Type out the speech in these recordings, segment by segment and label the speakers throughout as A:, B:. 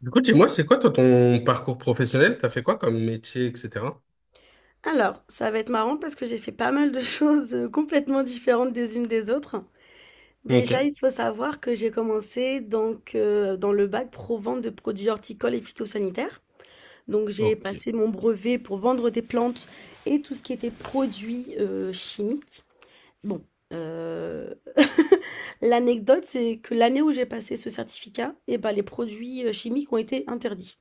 A: Du coup, dis-moi, c'est quoi toi ton parcours professionnel? T'as fait quoi comme métier, etc.
B: Alors, ça va être marrant parce que j'ai fait pas mal de choses, complètement différentes des unes des autres.
A: Ok,
B: Déjà, il faut savoir que j'ai commencé donc, dans le bac pro vente de produits horticoles et phytosanitaires. Donc j'ai
A: ok.
B: passé mon brevet pour vendre des plantes et tout ce qui était produits, chimiques. Bon, heu, l'anecdote, c'est que l'année où j'ai passé ce certificat eh bah, les produits, chimiques ont été interdits.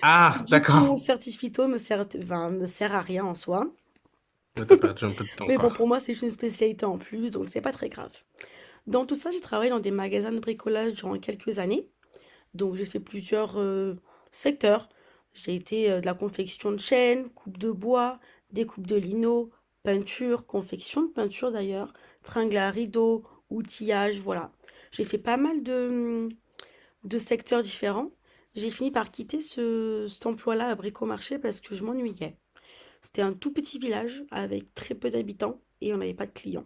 A: Ah,
B: Du coup, mon
A: d'accord.
B: certi phyto me sert enfin, me sert à rien en soi.
A: Mais t'as perdu un peu de temps,
B: Mais bon,
A: quoi.
B: pour moi, c'est juste une spécialité en plus, donc c'est pas très grave. Dans tout ça, j'ai travaillé dans des magasins de bricolage durant quelques années. Donc j'ai fait plusieurs secteurs. J'ai été de la confection de chaînes, coupe de bois, découpe de lino, peinture, confection de peinture d'ailleurs, tringle à rideaux, outillage, voilà. J'ai fait pas mal de secteurs différents. J'ai fini par quitter cet emploi-là à Bricomarché parce que je m'ennuyais. C'était un tout petit village avec très peu d'habitants et on n'avait pas de clients.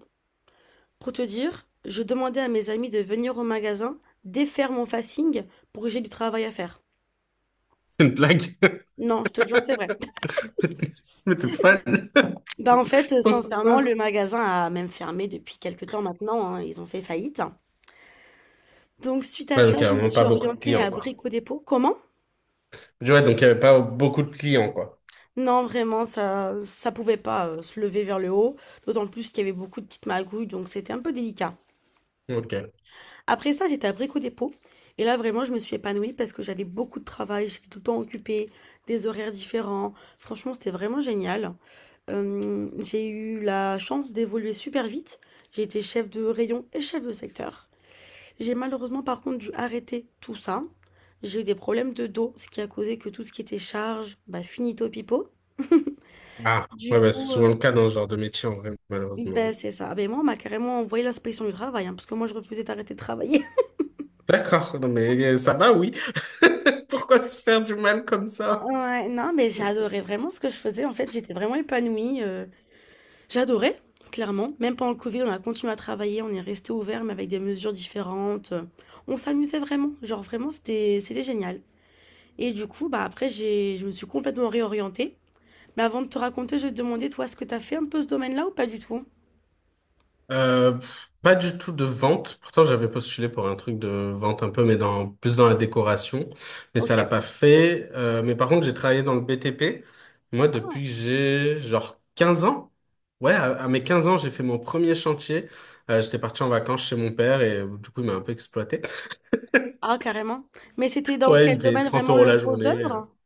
B: Pour te dire, je demandais à mes amis de venir au magasin, défaire mon fasting pour que j'ai du travail à faire.
A: C'est une blague.
B: Non, je te jure, c'est vrai.
A: Mais t'es fan.
B: Bah en fait, sincèrement,
A: Pourquoi?
B: le magasin a même fermé depuis quelques temps maintenant, hein, ils ont fait faillite. Donc suite à
A: Ouais, donc il
B: ça,
A: y a
B: je me
A: vraiment pas
B: suis
A: beaucoup de
B: orientée
A: clients,
B: à
A: quoi.
B: Brico Dépôt. Comment?
A: Je dis, Ouais, donc il y avait pas beaucoup de clients, quoi.
B: Non, vraiment, ça pouvait pas se lever vers le haut, d'autant plus qu'il y avait beaucoup de petites magouilles, donc c'était un peu délicat.
A: Ok.
B: Après ça, j'étais à Brico Dépôt. Et là, vraiment, je me suis épanouie parce que j'avais beaucoup de travail, j'étais tout le temps occupée, des horaires différents. Franchement, c'était vraiment génial. J'ai eu la chance d'évoluer super vite. J'ai été chef de rayon et chef de secteur. J'ai malheureusement, par contre, dû arrêter tout ça. J'ai eu des problèmes de dos, ce qui a causé que tout ce qui était charge, bah, finito pipo.
A: Ah,
B: Du
A: ouais, bah, c'est
B: coup,
A: souvent le cas dans ce genre de métier, en vrai,
B: bah,
A: malheureusement.
B: c'est ça. Ben, moi, on m'a carrément envoyé l'inspection du travail, hein, parce que moi, je refusais d'arrêter de travailler.
A: D'accord, non mais ça va, oui. Pourquoi se faire du mal comme ça?
B: Ouais, non, mais j'adorais vraiment ce que je faisais. En fait, j'étais vraiment épanouie. J'adorais, clairement. Même pendant le Covid, on a continué à travailler, on est resté ouvert, mais avec des mesures différentes. On s'amusait vraiment. Genre, vraiment, c'était génial. Et du coup, bah, après, je me suis complètement réorientée. Mais avant de te raconter, je vais te demander, toi, est-ce que tu as fait un peu ce domaine-là ou pas du tout?
A: Pff, pas du tout de vente. Pourtant, j'avais postulé pour un truc de vente un peu, mais dans plus dans la décoration. Mais
B: Ok.
A: ça l'a pas fait. Mais par contre, j'ai travaillé dans le BTP. Moi,
B: Ah,
A: depuis que j'ai genre 15 ans. Ouais, à mes 15 ans, j'ai fait mon premier chantier. J'étais parti en vacances chez mon père et du coup, il m'a un peu exploité.
B: Ah, carrément. Mais c'était dans
A: Ouais, il
B: quel
A: me payait
B: domaine
A: 30
B: vraiment
A: euros
B: le
A: la
B: gros
A: journée.
B: œuvre?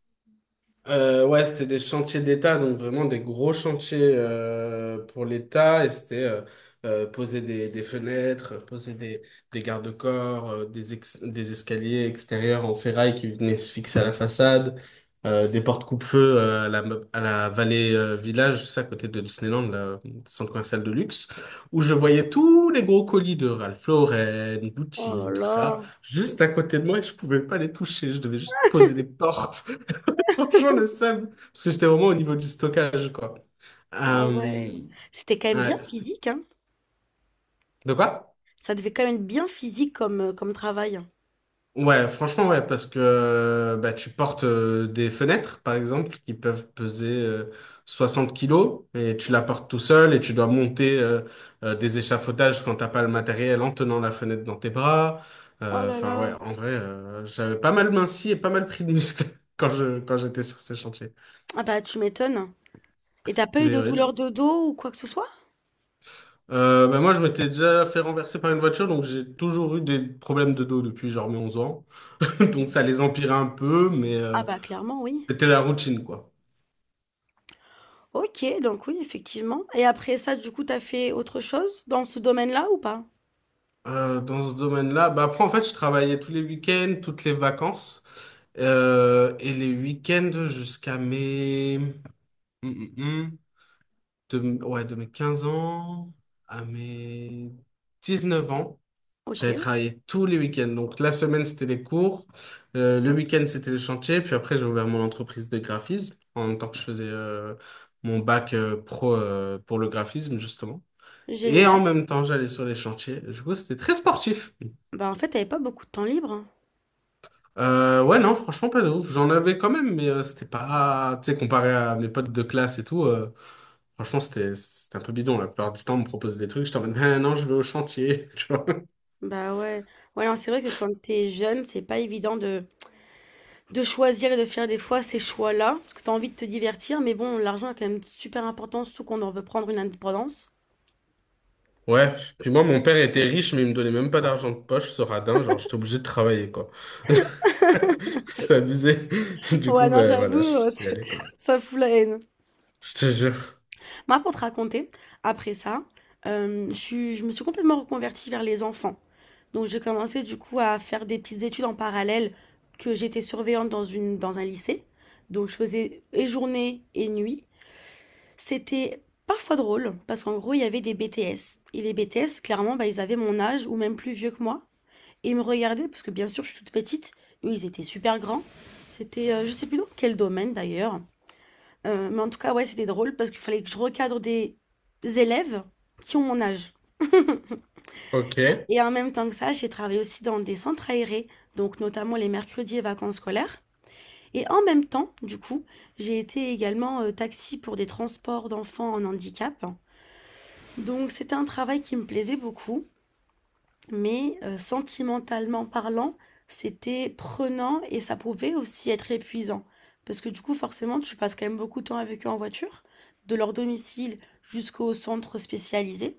A: Ouais, c'était des chantiers d'État, donc vraiment des gros chantiers pour l'État. Et c'était poser des fenêtres, poser des garde-corps, des escaliers extérieurs en ferraille qui venaient se fixer à la façade, des portes coupe-feu à la Vallée Village, ça à côté de Disneyland, le centre commercial de luxe, où je voyais tous les gros colis de Ralph Lauren,
B: Oh là
A: Gucci, tout ça,
B: là.
A: juste à côté de moi et je pouvais pas les toucher. Je devais juste poser des portes. Franchement, le seum. Parce que j'étais vraiment au niveau du stockage, quoi.
B: Ah ouais.
A: Euh,
B: C'était quand même bien
A: ouais,
B: physique, hein.
A: de quoi?
B: Ça devait quand même être bien physique comme, comme travail.
A: Ouais, franchement, ouais, parce que bah, tu portes des fenêtres, par exemple, qui peuvent peser 60 kilos, et tu la portes tout seul, et tu dois monter des échafaudages quand t'as pas le matériel en tenant la fenêtre dans tes bras.
B: Oh là
A: Enfin,
B: là.
A: ouais, en vrai, j'avais pas mal minci et pas mal pris de muscles quand j'étais sur ces chantiers.
B: Ah bah tu m'étonnes. Et t'as pas eu
A: Mais
B: de
A: ouais,
B: douleur de dos ou quoi que ce soit?
A: Bah moi, je m'étais déjà fait renverser par une voiture, donc j'ai toujours eu des problèmes de dos depuis genre mes 11 ans. Donc ça les empirait un peu, mais
B: Ah bah clairement oui.
A: c'était la routine, quoi.
B: Ok, donc oui, effectivement. Et après ça, du coup, t'as fait autre chose dans ce domaine-là ou pas?
A: Dans ce domaine-là, bah après, en fait, je travaillais tous les week-ends, toutes les vacances, et les week-ends jusqu'à mes... hum. De, ouais, de mes 15 ans à mes 19 ans.
B: Ok,
A: J'avais travaillé tous les week-ends. Donc la semaine, c'était les cours. Le week-end, c'était les chantiers. Puis après, j'ai ouvert mon entreprise de graphisme en même temps que je faisais mon bac pro pour le graphisme, justement. Et
B: génial.
A: en même temps, j'allais sur les chantiers. Du coup, c'était très sportif.
B: Bah en fait, t'avais pas beaucoup de temps libre, hein.
A: Ouais, non, franchement, pas de ouf. J'en avais quand même, mais c'était pas... Tu sais, comparé à mes potes de classe et tout, franchement, c'était un peu bidon. La plupart du temps, on me propose des trucs. Je t'emmène, ben non, je vais au chantier.
B: Bah ouais. Ouais, non, c'est vrai que quand t'es jeune, c'est pas évident de choisir et de faire des fois ces choix-là, parce que t'as envie de te divertir, mais bon, l'argent est quand même super important, surtout qu'on en veut prendre une indépendance.
A: Ouais, puis moi, mon père était riche, mais il me donnait même pas d'argent de poche, ce radin. Genre, j'étais obligé de travailler, quoi. C'est abusé. Du
B: Ouais,
A: coup,
B: non,
A: ben
B: j'avoue,
A: voilà, je suis
B: c'est-
A: allé, quoi.
B: ça fout la haine.
A: Je te jure.
B: Moi, pour te raconter, après ça, je me suis complètement reconvertie vers les enfants. Donc, j'ai commencé du coup à faire des petites études en parallèle que j'étais surveillante dans un lycée. Donc, je faisais et journée et nuit. C'était parfois drôle parce qu'en gros, il y avait des BTS. Et les BTS, clairement, bah, ils avaient mon âge ou même plus vieux que moi. Et ils me regardaient parce que, bien sûr, je suis toute petite. Eux, ils étaient super grands. C'était, je sais plus dans quel domaine d'ailleurs. Mais en tout cas, ouais, c'était drôle parce qu'il fallait que je recadre des élèves qui ont mon âge.
A: Ok.
B: Et en même temps que ça, j'ai travaillé aussi dans des centres aérés, donc notamment les mercredis et vacances scolaires. Et en même temps, du coup, j'ai été également taxi pour des transports d'enfants en handicap. Donc c'était un travail qui me plaisait beaucoup. Mais sentimentalement parlant, c'était prenant et ça pouvait aussi être épuisant. Parce que du coup, forcément, tu passes quand même beaucoup de temps avec eux en voiture, de leur domicile jusqu'au centre spécialisé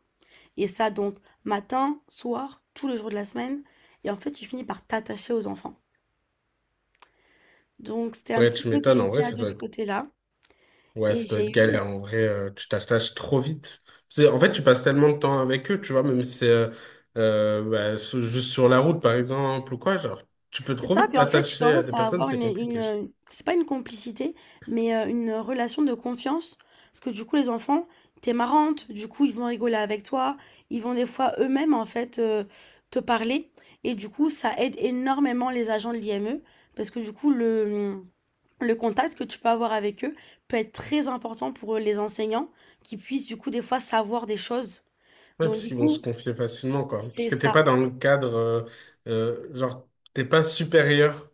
B: et ça donc matin, soir, tous les jours de la semaine et en fait, tu finis par t'attacher aux enfants. Donc c'était un
A: Ouais,
B: petit
A: tu
B: peu
A: m'étonnes. En vrai,
B: délicat
A: ça
B: de
A: doit
B: ce
A: être...
B: côté-là
A: Ouais,
B: et
A: ça doit
B: j'ai
A: être
B: eu
A: galère. En vrai, tu t'attaches trop vite. En fait, tu passes tellement de temps avec eux, tu vois, même si c'est bah, juste sur la route, par exemple, ou quoi, genre, tu peux
B: C'est
A: trop
B: ça,
A: vite
B: puis en fait, tu
A: t'attacher à
B: commences
A: des
B: à
A: personnes,
B: avoir
A: c'est compliqué.
B: c'est pas une complicité, mais une relation de confiance, parce que du coup, les enfants, t'es marrante, du coup, ils vont rigoler avec toi, ils vont des fois eux-mêmes, en fait, te parler, et du coup, ça aide énormément les agents de l'IME, parce que du coup, le contact que tu peux avoir avec eux peut être très important pour les enseignants, qui puissent, du coup, des fois, savoir des choses.
A: Ouais,
B: Donc,
A: parce
B: du
A: qu'ils vont se
B: coup,
A: confier facilement, quoi. Parce
B: c'est
A: que t'es
B: ça.
A: pas dans le cadre, genre, t'es pas supérieur,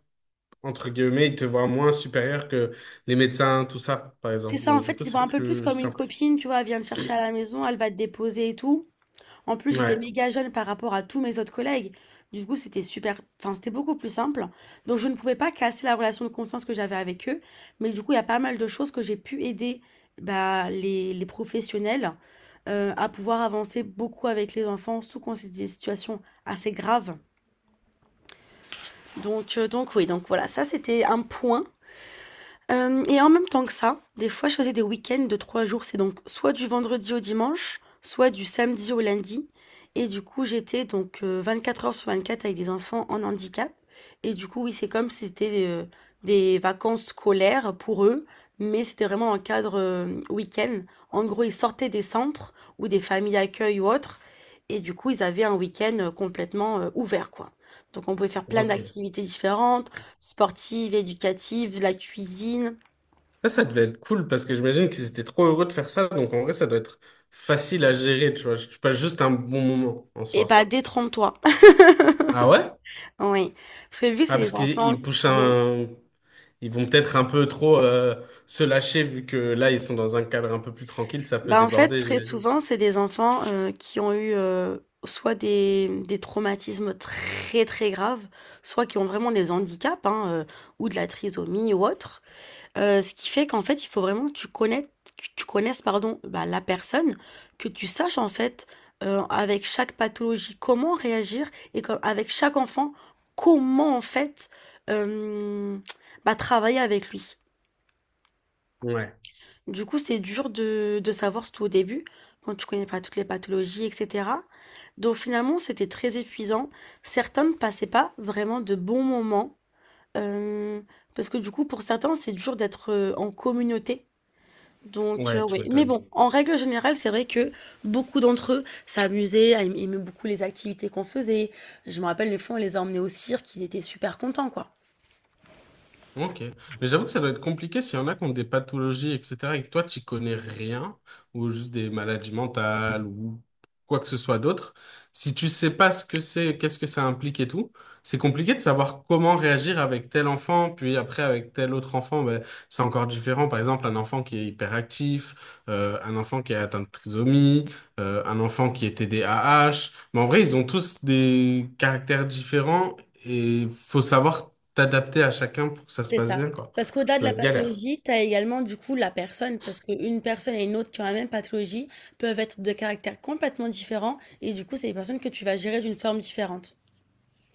A: entre guillemets, ils te voient moins supérieur que les médecins, tout ça, par
B: C'est
A: exemple.
B: ça, en
A: Donc, du
B: fait,
A: coup,
B: ils te voient
A: c'est
B: un peu plus
A: plus
B: comme une
A: simple.
B: copine, tu vois, elle vient te chercher à la maison, elle va te déposer et tout. En plus, j'étais
A: Ouais,
B: méga jeune par rapport à tous mes autres collègues. Du coup, c'était super, enfin, c'était beaucoup plus simple. Donc, je ne pouvais pas casser la relation de confiance que j'avais avec eux. Mais du coup, il y a pas mal de choses que j'ai pu aider bah, les professionnels à pouvoir avancer beaucoup avec les enfants, sous quand c'est des situations assez graves. Donc oui, donc voilà, ça, c'était un point. Et en même temps que ça, des fois, je faisais des week-ends de 3 jours. C'est donc soit du vendredi au dimanche, soit du samedi au lundi. Et du coup, j'étais donc 24 heures sur 24 avec des enfants en handicap. Et du coup, oui, c'est comme si c'était, des vacances scolaires pour eux, mais c'était vraiment un cadre, week-end. En gros, ils sortaient des centres ou des familles d'accueil ou autres et du coup, ils avaient un week-end, complètement, ouvert, quoi. Donc on pouvait faire plein
A: ok.
B: d'activités différentes. Sportive, éducative, de la cuisine
A: Ça devait être cool, parce que j'imagine qu'ils étaient trop heureux de faire ça, donc en vrai, ça doit être facile à gérer, tu vois. Tu passes juste un bon moment, en
B: et
A: soi.
B: bah, détrompe-toi.
A: Ah ouais?
B: Oui, parce que vu que c'est
A: Ah, parce
B: des
A: qu'ils
B: enfants
A: ils poussent
B: qui ont
A: un... Ils vont peut-être un peu trop se lâcher, vu que là, ils sont dans un cadre un peu plus tranquille, ça peut
B: bah, en fait,
A: déborder,
B: très
A: j'imagine.
B: souvent, c'est des enfants, qui ont eu, soit des traumatismes très, très graves, soit qui ont vraiment des handicaps, hein, ou de la trisomie ou autre Ce qui fait qu'en fait, il faut vraiment que tu connaisses, pardon, bah, la personne, que tu saches, en fait, avec chaque pathologie, comment réagir et co avec chaque enfant, comment, en fait, hem, bah, travailler avec lui.
A: Ouais,
B: Du coup, c'est dur de savoir, tout au début, quand tu connais pas toutes les pathologies et cetera. Donc finalement, c'était très épuisant. Certains ne passaient pas vraiment de bons moments, hem, parce que, du coup, pour certains, c'est dur d'être, en communauté. Donc,
A: ouais, tu
B: ouais. Mais
A: m'étonnes.
B: bon, en règle générale, c'est vrai que beaucoup d'entre eux s'amusaient, aimaient beaucoup les activités qu'on faisait. Je me rappelle, les fois, on les a emmenés au cirque, ils étaient super contents, quoi.
A: Ok. Mais j'avoue que ça doit être compliqué s'il y en a qui ont des pathologies, etc. et que toi, tu connais rien, ou juste des maladies mentales, ou quoi que ce soit d'autre. Si tu sais pas ce que c'est, qu'est-ce que ça implique et tout, c'est compliqué de savoir comment réagir avec tel enfant, puis après avec tel autre enfant, ben, c'est encore différent. Par exemple, un enfant qui est hyperactif, un enfant qui est atteint de trisomie, un enfant qui est TDAH. Mais en vrai, ils ont tous des caractères différents et faut savoir t'adapter à chacun pour que ça se
B: C'est
A: passe
B: ça.
A: bien, quoi.
B: Parce qu'au-delà de
A: Ça
B: la
A: doit être galère.
B: pathologie, tu as également, du coup, la personne. Parce qu'une personne et une autre qui ont la même pathologie peuvent être de caractères complètement différents. Et du coup, c'est des personnes que tu vas gérer d'une forme différente.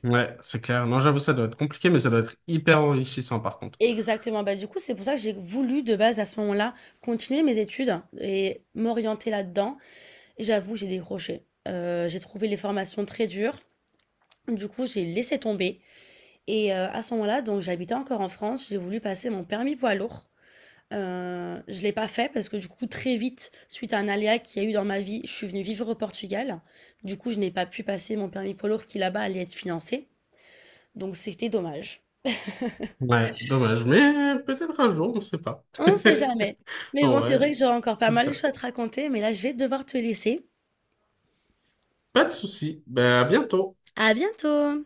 A: Ouais, c'est clair. Non, j'avoue, ça doit être compliqué, mais ça doit être hyper enrichissant, par contre.
B: Exactement. Bah, du coup, c'est pour ça que j'ai voulu, de base, à ce moment-là, continuer mes études et m'orienter là-dedans. J'avoue, j'ai décroché. J'ai trouvé les formations très dures. Du coup, j'ai laissé tomber. Et à ce moment-là, donc j'habitais encore en France, j'ai voulu passer mon permis poids lourd. Je l'ai pas fait parce que du coup, très vite, suite à un aléa qu'il y a eu dans ma vie, je suis venue vivre au Portugal. Du coup, je n'ai pas pu passer mon permis poids lourd qui là-bas allait être financé. Donc, c'était dommage.
A: Ouais, dommage, mais peut-être un jour, on ne sait pas.
B: On sait jamais. Mais bon, c'est
A: Ouais,
B: vrai que j'aurai encore pas
A: c'est
B: mal de
A: ça.
B: choses à te raconter, mais là, je vais devoir te laisser.
A: Pas de souci. Ben, à bientôt.
B: À bientôt!